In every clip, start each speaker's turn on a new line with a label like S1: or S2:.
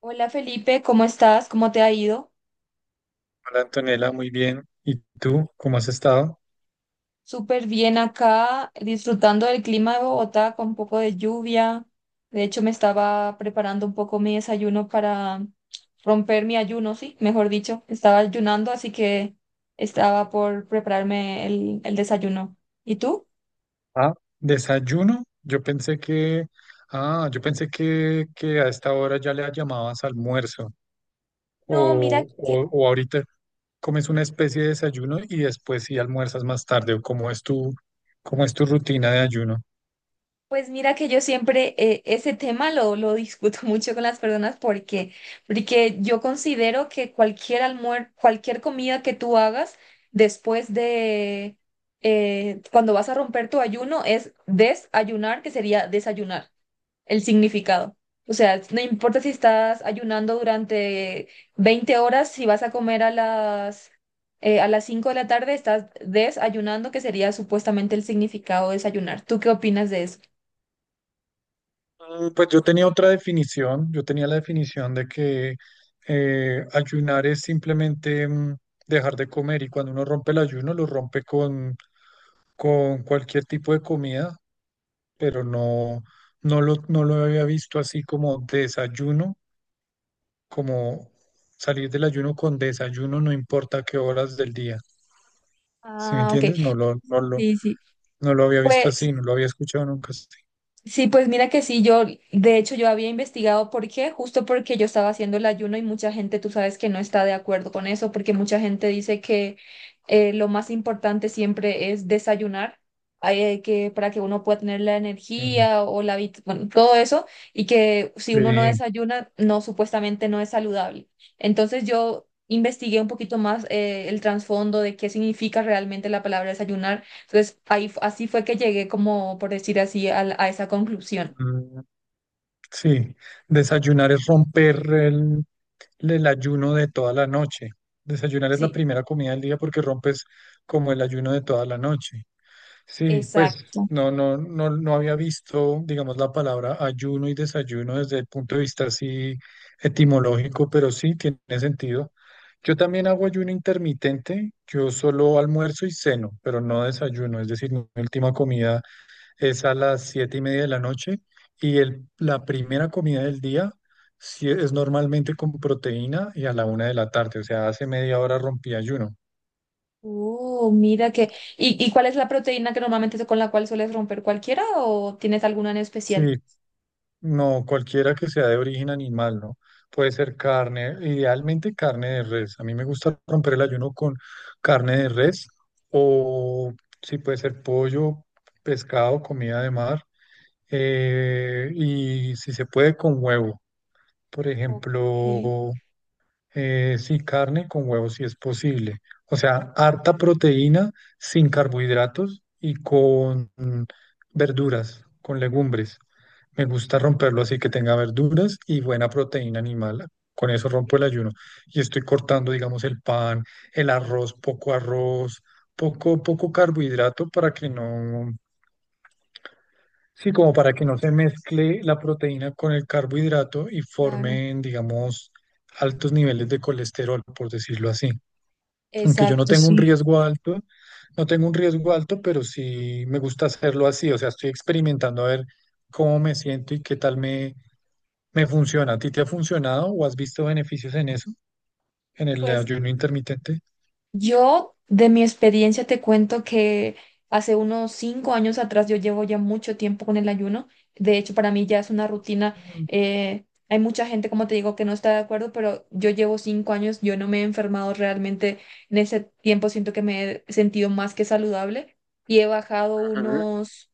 S1: Hola Felipe, ¿cómo estás? ¿Cómo te ha ido?
S2: Hola Antonella, muy bien. ¿Y tú cómo has estado?
S1: Súper bien acá, disfrutando del clima de Bogotá con un poco de lluvia. De hecho, me estaba preparando un poco mi desayuno para romper mi ayuno, sí, mejor dicho. Estaba ayunando, así que estaba por prepararme el desayuno. ¿Y tú?
S2: Ah, desayuno. Yo pensé que a esta hora ya le llamabas almuerzo
S1: No, mira,
S2: o,
S1: que.
S2: o, o ahorita comes una especie de desayuno y después sí almuerzas más tarde o cómo es tu rutina de ayuno.
S1: Pues mira que yo siempre ese tema lo discuto mucho con las personas porque yo considero que cualquier comida que tú hagas después de cuando vas a romper tu ayuno es desayunar, que sería desayunar, el significado. O sea, no importa si estás ayunando durante 20 horas, si vas a comer a las a las 5 de la tarde, estás desayunando, que sería supuestamente el significado de desayunar. ¿Tú qué opinas de eso?
S2: Pues yo tenía otra definición, yo tenía la definición de que ayunar es simplemente dejar de comer, y cuando uno rompe el ayuno lo rompe con cualquier tipo de comida, pero no, no lo había visto así como desayuno, como salir del ayuno con desayuno, no importa qué horas del día. ¿Sí me
S1: Ah, ok.
S2: entiendes? No lo, no lo,
S1: Sí, sí.
S2: no lo había visto
S1: Pues
S2: así, no lo había escuchado nunca así.
S1: sí, pues mira que sí, yo, de hecho, yo había investigado por qué, justo porque yo estaba haciendo el ayuno y mucha gente, tú sabes que no está de acuerdo con eso, porque mucha gente dice que lo más importante siempre es desayunar, que para que uno pueda tener la
S2: Mm,
S1: energía o bueno, todo eso, y que si uno no
S2: sí.
S1: desayuna, no, supuestamente no es saludable. Entonces yo investigué un poquito más el trasfondo de qué significa realmente la palabra desayunar. Entonces, ahí, así fue que llegué, como por decir así, a esa conclusión.
S2: Mm, sí, desayunar es romper el ayuno de toda la noche. Desayunar es la
S1: Sí,
S2: primera comida del día porque rompes como el ayuno de toda la noche. Sí, pues
S1: exacto.
S2: no, no, no, no había visto, digamos, la palabra ayuno y desayuno desde el punto de vista así etimológico, pero sí tiene sentido. Yo también hago ayuno intermitente, yo solo almuerzo y ceno, pero no desayuno, es decir, mi última comida es a las 7:30 de la noche, y la primera comida del día sí es normalmente con proteína y a la una de la tarde. O sea, hace media hora rompí ayuno.
S1: Oh, mira que. ¿Y cuál es la proteína que normalmente con la cual sueles romper, cualquiera o tienes alguna en especial?
S2: Sí, no, cualquiera que sea de origen animal, ¿no? Puede ser carne, idealmente carne de res. A mí me gusta romper el ayuno con carne de res, o sí puede ser pollo, pescado, comida de mar, y si se puede con huevo. Por
S1: Ok,
S2: ejemplo, eh, sí, carne con huevos si es posible. O sea, harta proteína sin carbohidratos y con verduras, con legumbres. Me gusta romperlo así, que tenga verduras y buena proteína animal. Con eso rompo el ayuno. Y estoy cortando, digamos, el pan, el arroz, poco, poco carbohidrato para que no, sí, como para que no se mezcle la proteína con el carbohidrato y
S1: claro.
S2: formen, digamos, altos niveles de colesterol, por decirlo así. Aunque yo no
S1: Exacto,
S2: tengo un
S1: sí.
S2: riesgo alto, no tengo un riesgo alto, pero sí me gusta hacerlo así. O sea, estoy experimentando a ver cómo me siento y qué tal me funciona. ¿A ti te ha funcionado o has visto beneficios en eso, en el
S1: Pues
S2: ayuno intermitente?
S1: yo, de mi experiencia, te cuento que hace unos 5 años atrás, yo llevo ya mucho tiempo con el ayuno. De hecho, para mí ya es una rutina.
S2: Ujú.
S1: Hay mucha gente, como te digo, que no está de acuerdo, pero yo llevo 5 años, yo no me he enfermado realmente. En ese tiempo siento que me he sentido más que saludable. y he bajado
S2: Ah,
S1: unos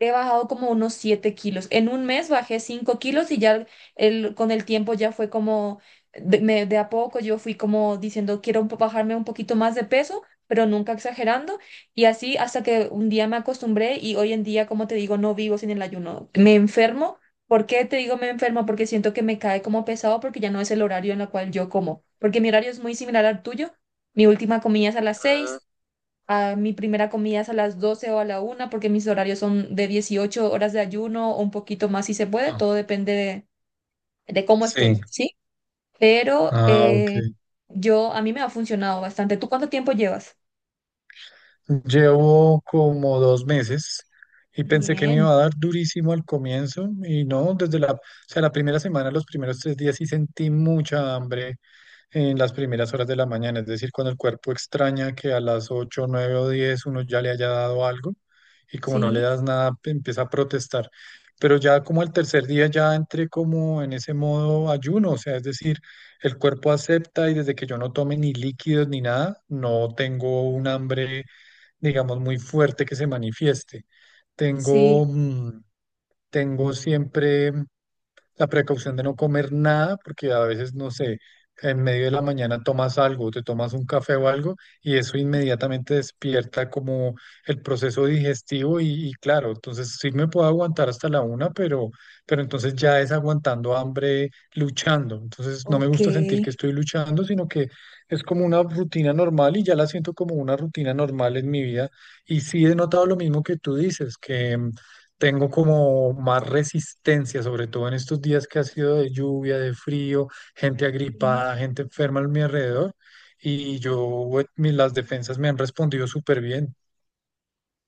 S1: He bajado como unos 7 kilos. En un mes bajé 5 kilos y ya con el tiempo ya fue como, de a poco yo fui como diciendo, quiero bajarme un poquito más de peso, pero nunca exagerando. Y así hasta que un día me acostumbré y hoy en día, como te digo, no vivo sin el ayuno. Me enfermo. ¿Por qué te digo me enfermo? Porque siento que me cae como pesado porque ya no es el horario en el cual yo como. Porque mi horario es muy similar al tuyo. Mi última comida es a las 6, a mi primera comida es a las 12 o a la una, porque mis horarios son de 18 horas de ayuno o un poquito más si se puede, todo depende de cómo estoy,
S2: sí.
S1: ¿sí? Pero
S2: Ah, ok.
S1: yo, a mí me ha funcionado bastante. ¿Tú cuánto tiempo llevas?
S2: Llevo como 2 meses y pensé que me
S1: Bien,
S2: iba a dar durísimo al comienzo, y no, desde la, o sea, la primera semana, los primeros 3 días sí sentí mucha hambre en las primeras horas de la mañana, es decir, cuando el cuerpo extraña que a las 8, 9 o 10 uno ya le haya dado algo, y como no le
S1: sí,
S2: das nada empieza a protestar. Pero ya como el tercer día ya entré como en ese modo ayuno, o sea, es decir, el cuerpo acepta, y desde que yo no tome ni líquidos ni nada, no tengo un hambre, digamos, muy fuerte que se manifieste.
S1: sí,
S2: Tengo, mm, tengo siempre la precaución de no comer nada, porque a veces, no sé, en medio de la mañana tomas algo, te tomas un café o algo, y eso inmediatamente despierta como el proceso digestivo, y claro, entonces sí me puedo aguantar hasta la una, pero entonces ya es aguantando hambre, luchando. Entonces no me
S1: ok.
S2: gusta sentir que estoy luchando, sino que es como una rutina normal, y ya la siento como una rutina normal en mi vida. Y sí he notado lo mismo que tú dices, que tengo como más resistencia, sobre todo en estos días que ha sido de lluvia, de frío, gente agripada, gente enferma a mi alrededor. Y yo, las defensas me han respondido súper bien.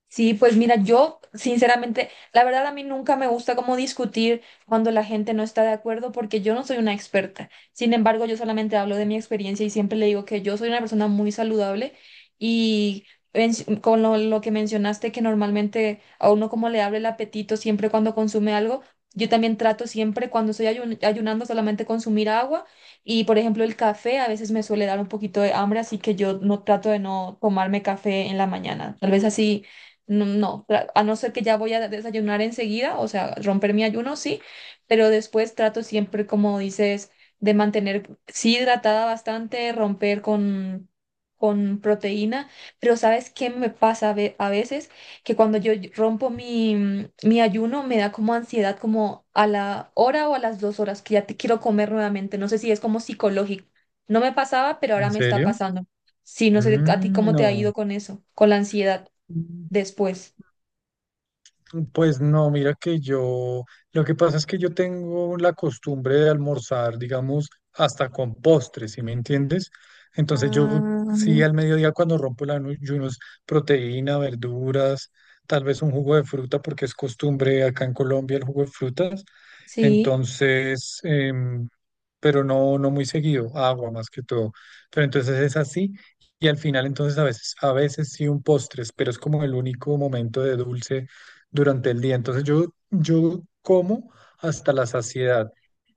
S1: Sí, pues mira, yo sinceramente, la verdad a mí nunca me gusta como discutir cuando la gente no está de acuerdo porque yo no soy una experta. Sin embargo, yo solamente hablo de mi experiencia y siempre le digo que yo soy una persona muy saludable y en- con lo que mencionaste, que normalmente a uno como le abre el apetito siempre cuando consume algo, yo también trato siempre, cuando estoy ayunando, solamente consumir agua. Y por ejemplo el café a veces me suele dar un poquito de hambre, así que yo no trato de, no tomarme café en la mañana. Tal vez así no, no, a no ser que ya voy a desayunar enseguida, o sea, romper mi ayuno, sí, pero después trato siempre, como dices, de mantener, sí, hidratada bastante, romper con, proteína. Pero ¿sabes qué me pasa a veces? Que cuando yo rompo mi ayuno me da como ansiedad, como a la hora o a las 2 horas, que ya te quiero comer nuevamente, no sé si es como psicológico. No me pasaba, pero
S2: ¿En
S1: ahora me está
S2: serio?
S1: pasando. Sí, no sé a ti
S2: Mm,
S1: cómo te ha
S2: no.
S1: ido con eso, con la ansiedad después.
S2: Pues no, mira que lo que pasa es que yo tengo la costumbre de almorzar, digamos, hasta con postres, ¿sí me entiendes? Entonces yo sí
S1: Ah,
S2: al mediodía, cuando rompo el ayuno, es proteína, verduras, tal vez un jugo de fruta, porque es costumbre acá en Colombia el jugo de frutas.
S1: sí,
S2: Entonces, pero no, no muy seguido, agua más que todo. Pero entonces es así. Y al final entonces a veces, sí un postres, pero es como el único momento de dulce durante el día. Entonces yo como hasta la saciedad,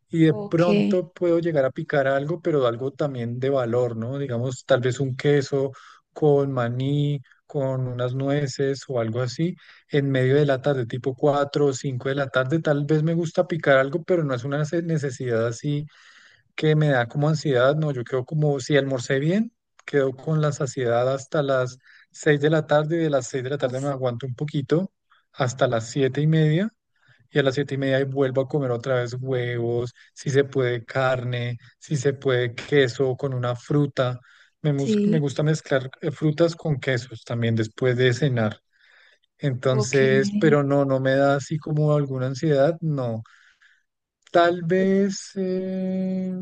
S2: y de
S1: ok.
S2: pronto puedo llegar a picar algo, pero algo también de valor, ¿no? Digamos, tal vez un queso con maní, con unas nueces o algo así, en medio de la tarde, tipo 4 o 5 de la tarde, tal vez me gusta picar algo, pero no es una necesidad así que me da como ansiedad. No, yo quedo como, si almorcé bien, quedo con la saciedad hasta las 6 de la tarde, y de las 6 de la tarde me
S1: Uf,
S2: aguanto un poquito, hasta las 7:30, y a las 7:30 vuelvo a comer otra vez huevos, si se puede carne, si se puede queso con una fruta. Me
S1: sí,
S2: gusta mezclar frutas con quesos también después de cenar.
S1: ok.
S2: Entonces, pero no me da así como alguna ansiedad, no. Tal vez,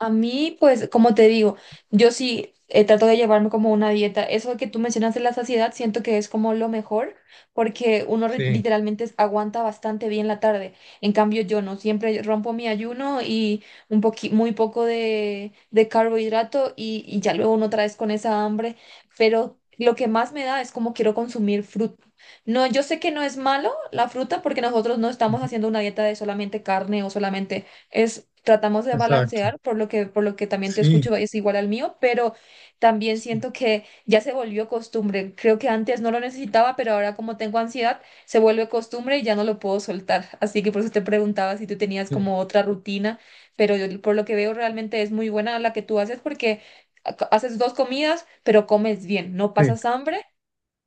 S1: A mí, pues, como te digo, yo sí trato de llevarme como una dieta. Eso que tú mencionas de la saciedad, siento que es como lo mejor, porque uno
S2: sí.
S1: literalmente aguanta bastante bien la tarde. En cambio, yo no, siempre rompo mi ayuno y muy poco de carbohidrato y ya luego uno otra vez con esa hambre. Pero lo que más me da es como quiero consumir fruta. No, yo sé que no es malo la fruta, porque nosotros no estamos haciendo una dieta de solamente carne o solamente es, tratamos de
S2: Exacto.
S1: balancear, por lo que también te
S2: Sí,
S1: escucho, es igual al mío, pero también
S2: sí,
S1: siento que ya se volvió costumbre. Creo que antes no lo necesitaba, pero ahora como tengo ansiedad, se vuelve costumbre y ya no lo puedo soltar. Así que por eso te preguntaba si tú tenías
S2: sí,
S1: como otra rutina, pero por lo que veo realmente es muy buena la que tú haces porque ha- haces dos comidas, pero comes bien, no
S2: sí.
S1: pasas hambre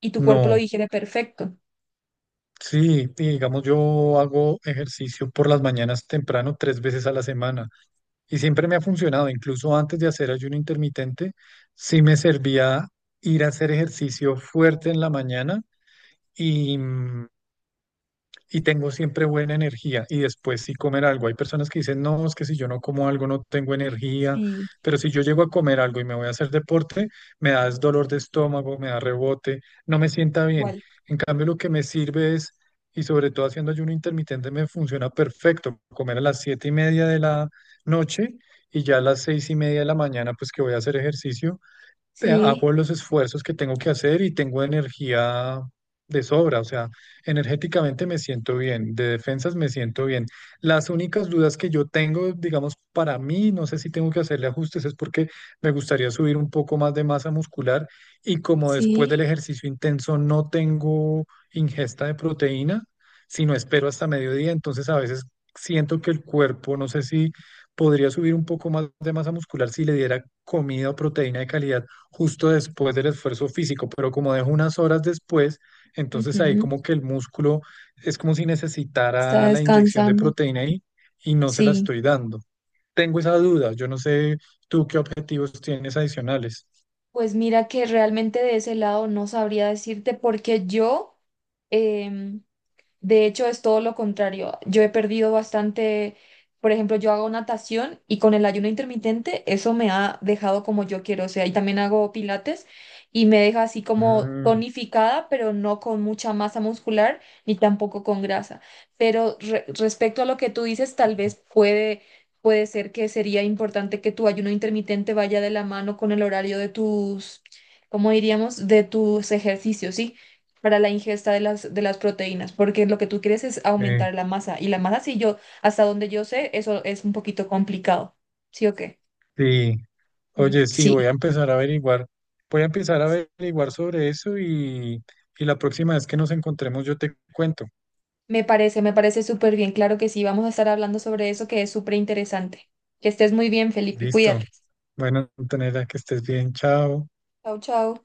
S1: y tu cuerpo lo
S2: No,
S1: digiere perfecto.
S2: sí, y digamos, yo hago ejercicio por las mañanas temprano 3 veces a la semana, y siempre me ha funcionado. Incluso antes de hacer ayuno intermitente, sí me servía ir a hacer ejercicio fuerte en la mañana, y, mm, y tengo siempre buena energía y después sí comer algo. Hay personas que dicen, no, es que si yo no como algo no tengo energía,
S1: Sí,
S2: pero si yo llego a comer algo y me voy a hacer deporte, me da es dolor de estómago, me da rebote, no me sienta bien.
S1: igual.
S2: En cambio, lo que me sirve es, y sobre todo haciendo ayuno intermitente me funciona perfecto, comer a las 7:30 de la noche, y ya a las 6:30 de la mañana, pues que voy a hacer ejercicio,
S1: Sí,
S2: hago los esfuerzos que tengo que hacer y tengo energía de sobra. O sea, energéticamente me siento bien, de defensas me siento bien. Las únicas dudas que yo tengo, digamos, para mí, no sé si tengo que hacerle ajustes, es porque me gustaría subir un poco más de masa muscular, y como después del
S1: sí.
S2: ejercicio intenso no tengo ingesta de proteína, sino espero hasta mediodía, entonces a veces siento que el cuerpo, no sé si podría subir un poco más de masa muscular si le diera comida o proteína de calidad justo después del esfuerzo físico, pero como dejo unas horas después, entonces ahí
S1: Ujú.
S2: como que el músculo es como si
S1: Está
S2: necesitara la inyección de
S1: descansando.
S2: proteína ahí y no se la
S1: Sí,
S2: estoy dando. Tengo esa duda, yo no sé tú qué objetivos tienes adicionales.
S1: pues mira que realmente de ese lado no sabría decirte porque em, de hecho, es todo lo contrario. Yo he perdido bastante, por ejemplo, yo hago natación y con el ayuno intermitente eso me ha dejado como yo quiero, o sea, y también hago pilates y me deja así como
S2: Mm,
S1: tonificada, pero no con mucha masa muscular ni tampoco con grasa. Pero respecto a lo que tú dices, tal vez puede ser que sería importante que tu ayuno intermitente vaya de la mano con el horario de tus, ¿cómo diríamos? De tus ejercicios, ¿sí? Para la ingesta de las, proteínas, porque lo que tú quieres es
S2: eh,
S1: aumentar la masa. Y la masa, si yo, hasta donde yo sé, eso es un poquito complicado. ¿Sí o qué?
S2: sí,
S1: Mm.
S2: oye, sí,
S1: Sí.
S2: voy a empezar a averiguar, sobre eso, y la próxima vez que nos encontremos yo te cuento.
S1: Me parece súper bien. Claro que sí, vamos a estar hablando sobre eso que es súper interesante. Que estés muy bien, Felipe. Cuídate.
S2: Listo. Bueno, Antonella, que estés bien, chao.
S1: Chao, chao.